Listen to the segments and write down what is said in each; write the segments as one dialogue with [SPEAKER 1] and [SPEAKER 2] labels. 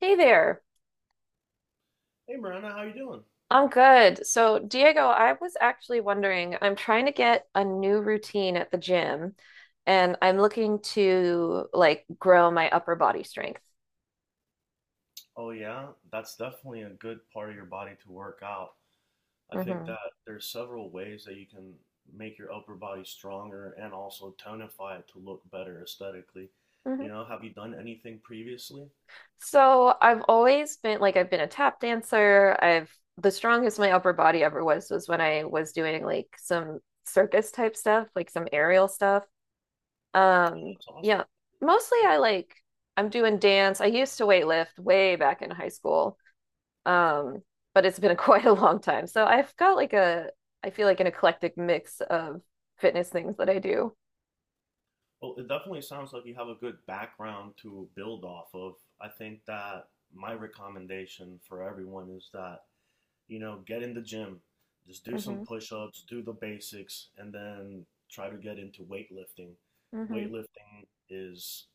[SPEAKER 1] Hey there.
[SPEAKER 2] Hey Miranda, how you doing?
[SPEAKER 1] I'm good. So, Diego, I was actually wondering, I'm trying to get a new routine at the gym and I'm looking to like grow my upper body strength.
[SPEAKER 2] Oh yeah, that's definitely a good part of your body to work out. I think
[SPEAKER 1] hmm
[SPEAKER 2] that there's several ways that you can make your upper body stronger and also tonify it to look better aesthetically.
[SPEAKER 1] hmm
[SPEAKER 2] You know, have you done anything previously?
[SPEAKER 1] So, I've been a tap dancer. I've The strongest my upper body ever was when I was doing like some circus type stuff, like some aerial stuff.
[SPEAKER 2] That's awesome.
[SPEAKER 1] Yeah. Mostly I'm doing dance. I used to weight lift way back in high school. Um, but it's been quite a long time. So I've got I feel like an eclectic mix of fitness things that I do.
[SPEAKER 2] Well, it definitely sounds like you have a good background to build off of. I think that my recommendation for everyone is that you know, get in the gym, just do some
[SPEAKER 1] hmm
[SPEAKER 2] push ups, do the basics, and then try to get into weightlifting.
[SPEAKER 1] hmm
[SPEAKER 2] Weightlifting is,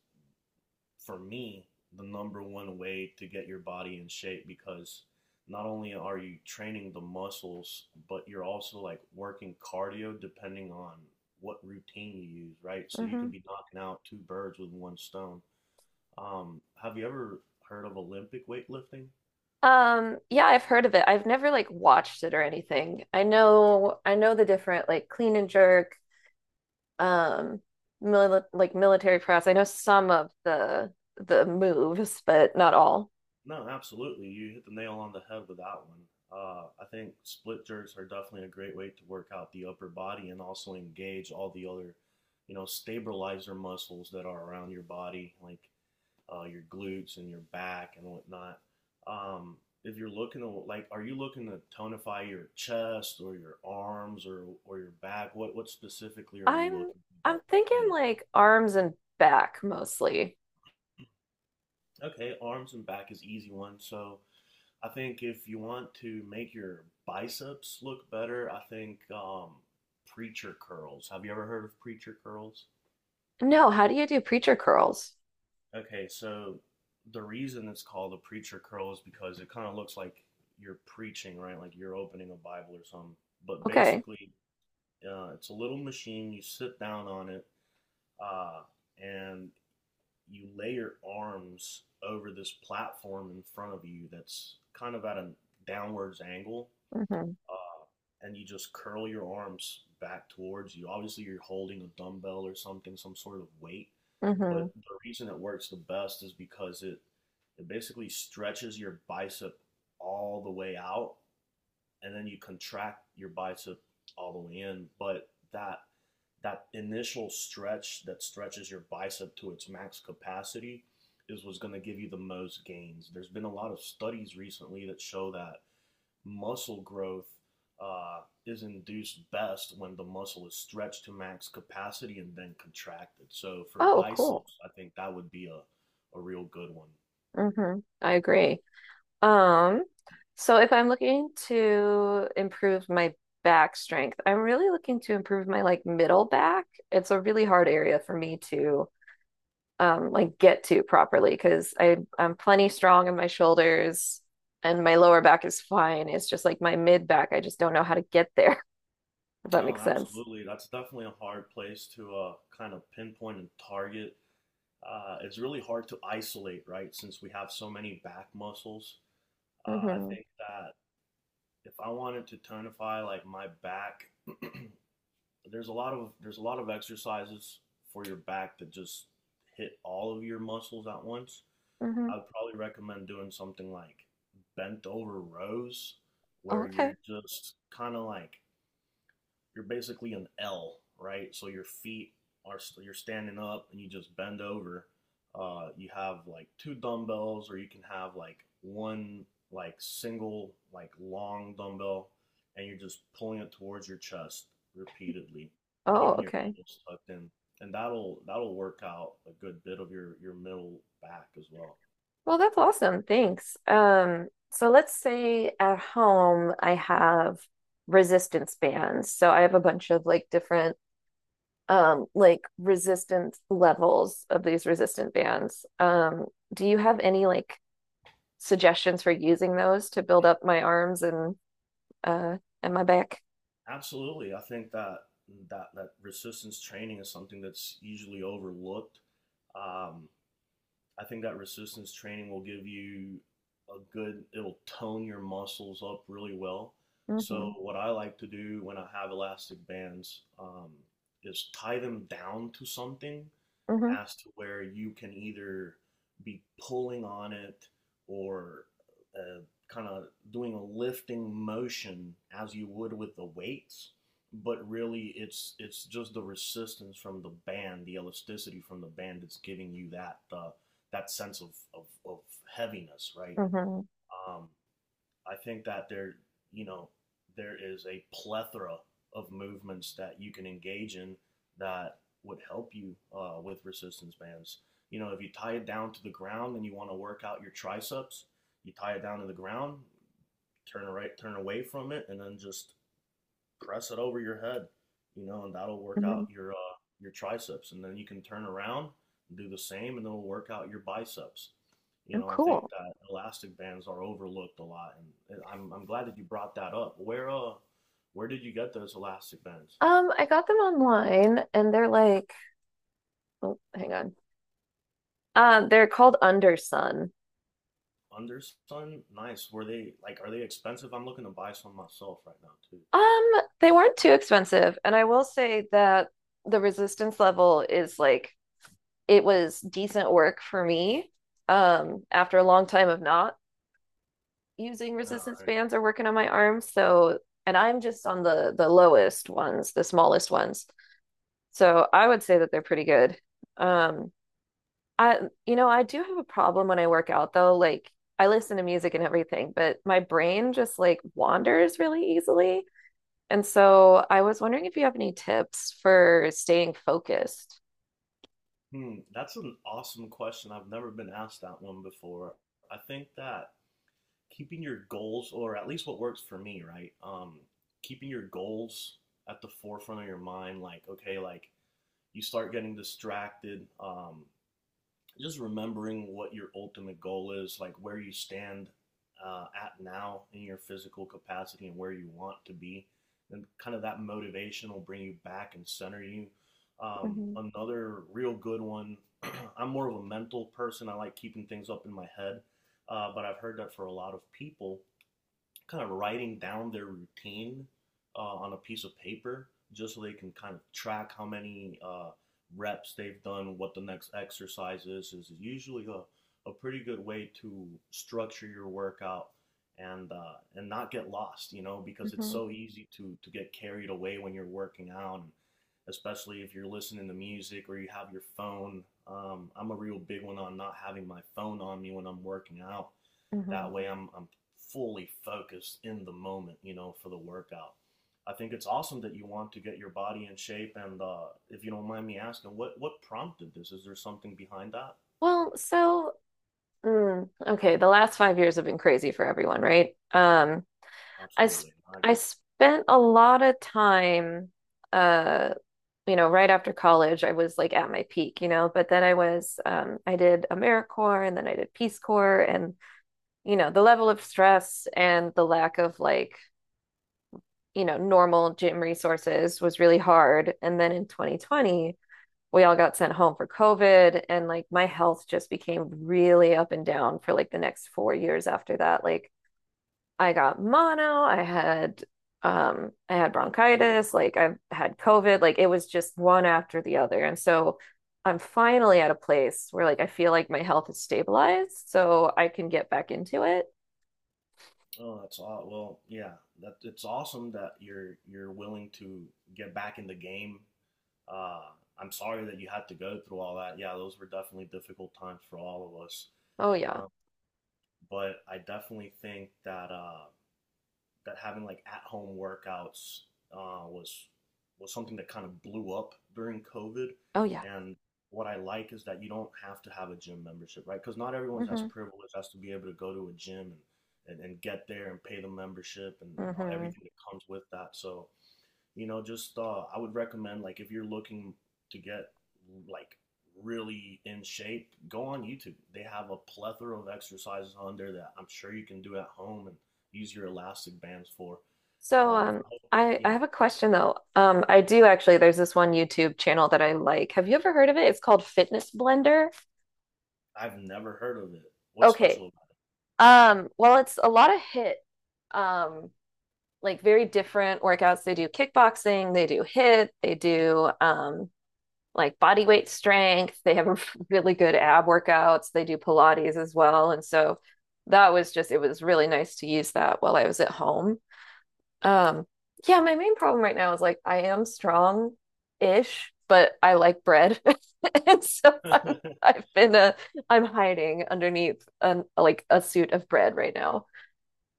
[SPEAKER 2] for me, the number one way to get your body in shape because not only are you training the muscles, but you're also like working cardio depending on what routine you use, right? So you could
[SPEAKER 1] hmm
[SPEAKER 2] be knocking out two birds with one stone. Have you ever heard of Olympic weightlifting?
[SPEAKER 1] Yeah, I've heard of it. I've never like watched it or anything. I know the different like clean and jerk, um, mili like military press. I know some of the moves, but not all.
[SPEAKER 2] No, absolutely. You hit the nail on the head with that one. I think split jerks are definitely a great way to work out the upper body and also engage all the other, you know, stabilizer muscles that are around your body, like your glutes and your back and whatnot. Um, if you're looking to like, are you looking to tonify your chest or your arms or your back? What specifically are you
[SPEAKER 1] I'm
[SPEAKER 2] looking to
[SPEAKER 1] I'm
[SPEAKER 2] get?
[SPEAKER 1] thinking
[SPEAKER 2] You know,
[SPEAKER 1] like arms and back mostly.
[SPEAKER 2] okay, arms and back is easy one. So. I think if you want to make your biceps look better, I think preacher curls. Have you ever heard of preacher curls?
[SPEAKER 1] No, how do you do preacher curls?
[SPEAKER 2] Okay, so the reason it's called a preacher curl is because it kind of looks like you're preaching, right? Like you're opening a Bible or something. But
[SPEAKER 1] Okay.
[SPEAKER 2] basically, it's a little machine. You sit down on it, uh, and you lay your arms over this platform in front of you that's kind of at a downwards angle
[SPEAKER 1] Mm-hmm.
[SPEAKER 2] and you just curl your arms back towards you. Obviously, you're holding a dumbbell or something, some sort of weight.
[SPEAKER 1] hmm
[SPEAKER 2] But the reason it works the best is because it basically stretches your bicep all the way out, and then you contract your bicep all the way in. But that that initial stretch that stretches your bicep to its max capacity is what's going to give you the most gains. There's been a lot of studies recently that show that muscle growth uh, is induced best when the muscle is stretched to max capacity and then contracted. So for
[SPEAKER 1] Oh, cool.
[SPEAKER 2] biceps, I think that would be a real good one.
[SPEAKER 1] hmm I agree. Um, so if I'm looking to improve my back strength, I'm really looking to improve my like middle back. It's a really hard area for me to like get to properly because I'm plenty strong in my shoulders and my lower back is fine. It's just like my mid back. I just don't know how to get there, if that
[SPEAKER 2] No,
[SPEAKER 1] makes sense.
[SPEAKER 2] absolutely. That's definitely a hard place to kind of pinpoint and target. It's really hard to isolate, right? Since we have so many back muscles. I
[SPEAKER 1] Hmm
[SPEAKER 2] think that if I wanted to tonify like my back there's a lot of exercises for your back that just hit all of your muscles at once.
[SPEAKER 1] hmm
[SPEAKER 2] I would probably recommend doing something like bent over rows where you're
[SPEAKER 1] Okay.
[SPEAKER 2] just kind of like you're basically an L, right? So your feet are you you're standing up and you just bend over. You have like two dumbbells, or you can have like one like single like long dumbbell, and you're just pulling it towards your chest repeatedly,
[SPEAKER 1] Oh,
[SPEAKER 2] keeping your
[SPEAKER 1] okay.
[SPEAKER 2] elbows tucked in, and that'll work out a good bit of your middle back as well.
[SPEAKER 1] Well, that's awesome. Thanks. So let's say at home I have resistance bands. So I have a bunch of like different like resistance levels of these resistant bands. Do you have any like suggestions for using those to build up my arms uh and my back?
[SPEAKER 2] Absolutely, I think that that resistance training is something that's usually overlooked. Um, I think that resistance training will give you a good, it'll tone your muscles up really well. So,
[SPEAKER 1] Mm-hmm.
[SPEAKER 2] what I like to do when I have elastic bands is tie them down to something
[SPEAKER 1] Mm-hmm.
[SPEAKER 2] as to where you can either be pulling on it or uh, kind of doing a lifting motion as you would with the weights but really it's just the resistance from the band the elasticity from the band that's giving you that that sense of heaviness right
[SPEAKER 1] Mm-hmm.
[SPEAKER 2] um, I think that there, you know, there is a plethora of movements that you can engage in that would help you with resistance bands. You know, if you tie it down to the ground and you want to work out your triceps, you tie it down to the ground, turn right, turn away from it, and then just press it over your head, you know, and that'll work out
[SPEAKER 1] Mm-hmm.
[SPEAKER 2] your triceps, and then you can turn around and do the same, and it'll work out your biceps. You
[SPEAKER 1] Oh,
[SPEAKER 2] know, I think
[SPEAKER 1] cool.
[SPEAKER 2] that elastic bands are overlooked a lot, and I'm glad that you brought that up. Where did you get those elastic bands?
[SPEAKER 1] I got them online and they're like, oh, hang on. They're called Undersun.
[SPEAKER 2] Undersun, nice. Were they like, are they expensive? I'm looking to buy some myself right now too.
[SPEAKER 1] Um, they weren't too expensive, and I will say that the resistance level is it was decent work for me. After a long time of not using
[SPEAKER 2] All
[SPEAKER 1] resistance
[SPEAKER 2] right.
[SPEAKER 1] bands or working on my arms, so and I'm just on the lowest ones, the smallest ones. So I would say that they're pretty good. Um, I You know, I do have a problem when I work out though, like I listen to music and everything, but my brain just like wanders really easily. And so I was wondering if you have any tips for staying focused.
[SPEAKER 2] Hmm, that's an awesome question. I've never been asked that one before. I think that keeping your goals, or at least what works for me, right? Keeping your goals at the forefront of your mind. Like, okay, like you start getting distracted. Just remembering what your ultimate goal is, like where you stand at now in your physical capacity and where you want to be. And kind of that motivation will bring you back and center you.
[SPEAKER 1] Hmm
[SPEAKER 2] Another real good one, I'm more of a mental person. I like keeping things up in my head, but I've heard that for a lot of people, kind of writing down their routine on a piece of paper just so they can kind of track how many reps they've done, what the next exercise is usually a pretty good way to structure your workout and not get lost, you know, because it's
[SPEAKER 1] hmm
[SPEAKER 2] so easy to get carried away when you're working out, and especially if you're listening to music or you have your phone. I'm a real big one on not having my phone on me when I'm working out.
[SPEAKER 1] hmm
[SPEAKER 2] That way, I'm fully focused in the moment, you know, for the workout. I think it's awesome that you want to get your body in shape. And if you don't mind me asking, what prompted this? Is there something behind that?
[SPEAKER 1] Well, so okay, the last 5 years have been crazy for everyone, right? I sp
[SPEAKER 2] Absolutely, I
[SPEAKER 1] I
[SPEAKER 2] agree.
[SPEAKER 1] spent a lot of time, uh, you know, right after college, I was like at my peak, you know, but then I did AmeriCorps and then I did Peace Corps, and you know, the level of stress and the lack of normal gym resources was really hard. And then in 2020, we all got sent home for COVID and like my health just became really up and down for like the next 4 years after that. Like I got mono, I had
[SPEAKER 2] Oh dear
[SPEAKER 1] bronchitis,
[SPEAKER 2] Lord.
[SPEAKER 1] like I had COVID, like it was just one after the other. And so I'm finally at a place where like I feel like my health is stabilized, so I can get back into it.
[SPEAKER 2] Oh, that's aw well, yeah. That it's awesome that you're willing to get back in the game. Uh, I'm sorry that you had to go through all that. Yeah, those were definitely difficult times for all of us.
[SPEAKER 1] Oh yeah.
[SPEAKER 2] Um, but I definitely think that that having like at home workouts uh, was was something that kind of blew up during COVID.
[SPEAKER 1] Oh yeah.
[SPEAKER 2] And what I like is that you don't have to have a gym membership, right? Because not everyone's as
[SPEAKER 1] Mm-hmm.
[SPEAKER 2] privileged as to be able to go to a gym and get there and pay the membership and all,
[SPEAKER 1] Mm-hmm.
[SPEAKER 2] everything that comes with that. So you know just I would recommend like if you're looking to get like really in shape go on YouTube they have a plethora of exercises on there that I'm sure you can do at home and use your elastic bands for
[SPEAKER 1] So
[SPEAKER 2] um
[SPEAKER 1] um
[SPEAKER 2] I-
[SPEAKER 1] I
[SPEAKER 2] yeah,
[SPEAKER 1] have a question though. I do actually there's this one YouTube channel that I like. Have you ever heard of it? It's called Fitness Blender.
[SPEAKER 2] I've never heard of it. What's
[SPEAKER 1] Okay.
[SPEAKER 2] special
[SPEAKER 1] Well it's a lot of hit um like very different workouts. They do kickboxing, they do hit, they do like body weight strength. They have really good ab workouts. They do Pilates as well. And so that was just it was really nice to use that while I was at home. Um, yeah, my main problem right now is like I am strong-ish, but I like bread. And so
[SPEAKER 2] about
[SPEAKER 1] I'm
[SPEAKER 2] it?
[SPEAKER 1] I've been I'm hiding underneath an like a suit of bread right now.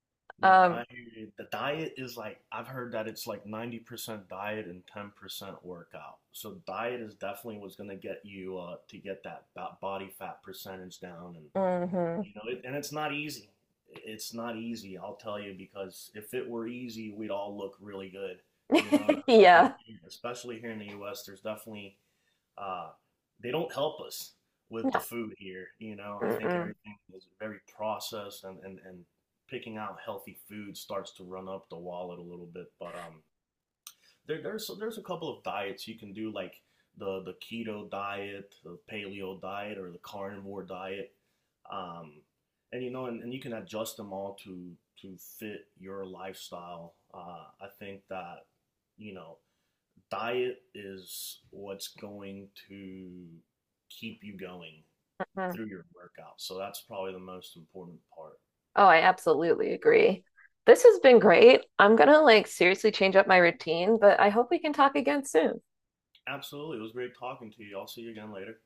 [SPEAKER 2] No,
[SPEAKER 1] Um,
[SPEAKER 2] I hear you. The diet is like I've heard that it's like 90% diet and 10% workout so diet is definitely what's going to get you to get that body fat percentage down and
[SPEAKER 1] mhm.
[SPEAKER 2] you know, it, and it's not easy. It's not easy, I'll tell you, because if it were easy, we'd all look really good. You know, and I think
[SPEAKER 1] Yeah.
[SPEAKER 2] especially here in the U.S., there's definitely uh, they don't help us with the
[SPEAKER 1] No.
[SPEAKER 2] food here. You know, I think
[SPEAKER 1] Mm-mm.
[SPEAKER 2] everything is very processed, and and picking out healthy food starts to run up the wallet a little bit. But there, there's a couple of diets you can do, like the keto diet, the paleo diet, or the carnivore diet, um, and you know, and you can adjust them all to fit your lifestyle. I think that you know, diet is what's going to keep you going
[SPEAKER 1] Mm.
[SPEAKER 2] through your workout. So that's probably the most important part.
[SPEAKER 1] Oh, I absolutely agree. This has been great. I'm gonna like seriously change up my routine, but I hope we can talk again soon.
[SPEAKER 2] Absolutely, it was great talking to you. I'll see you again later.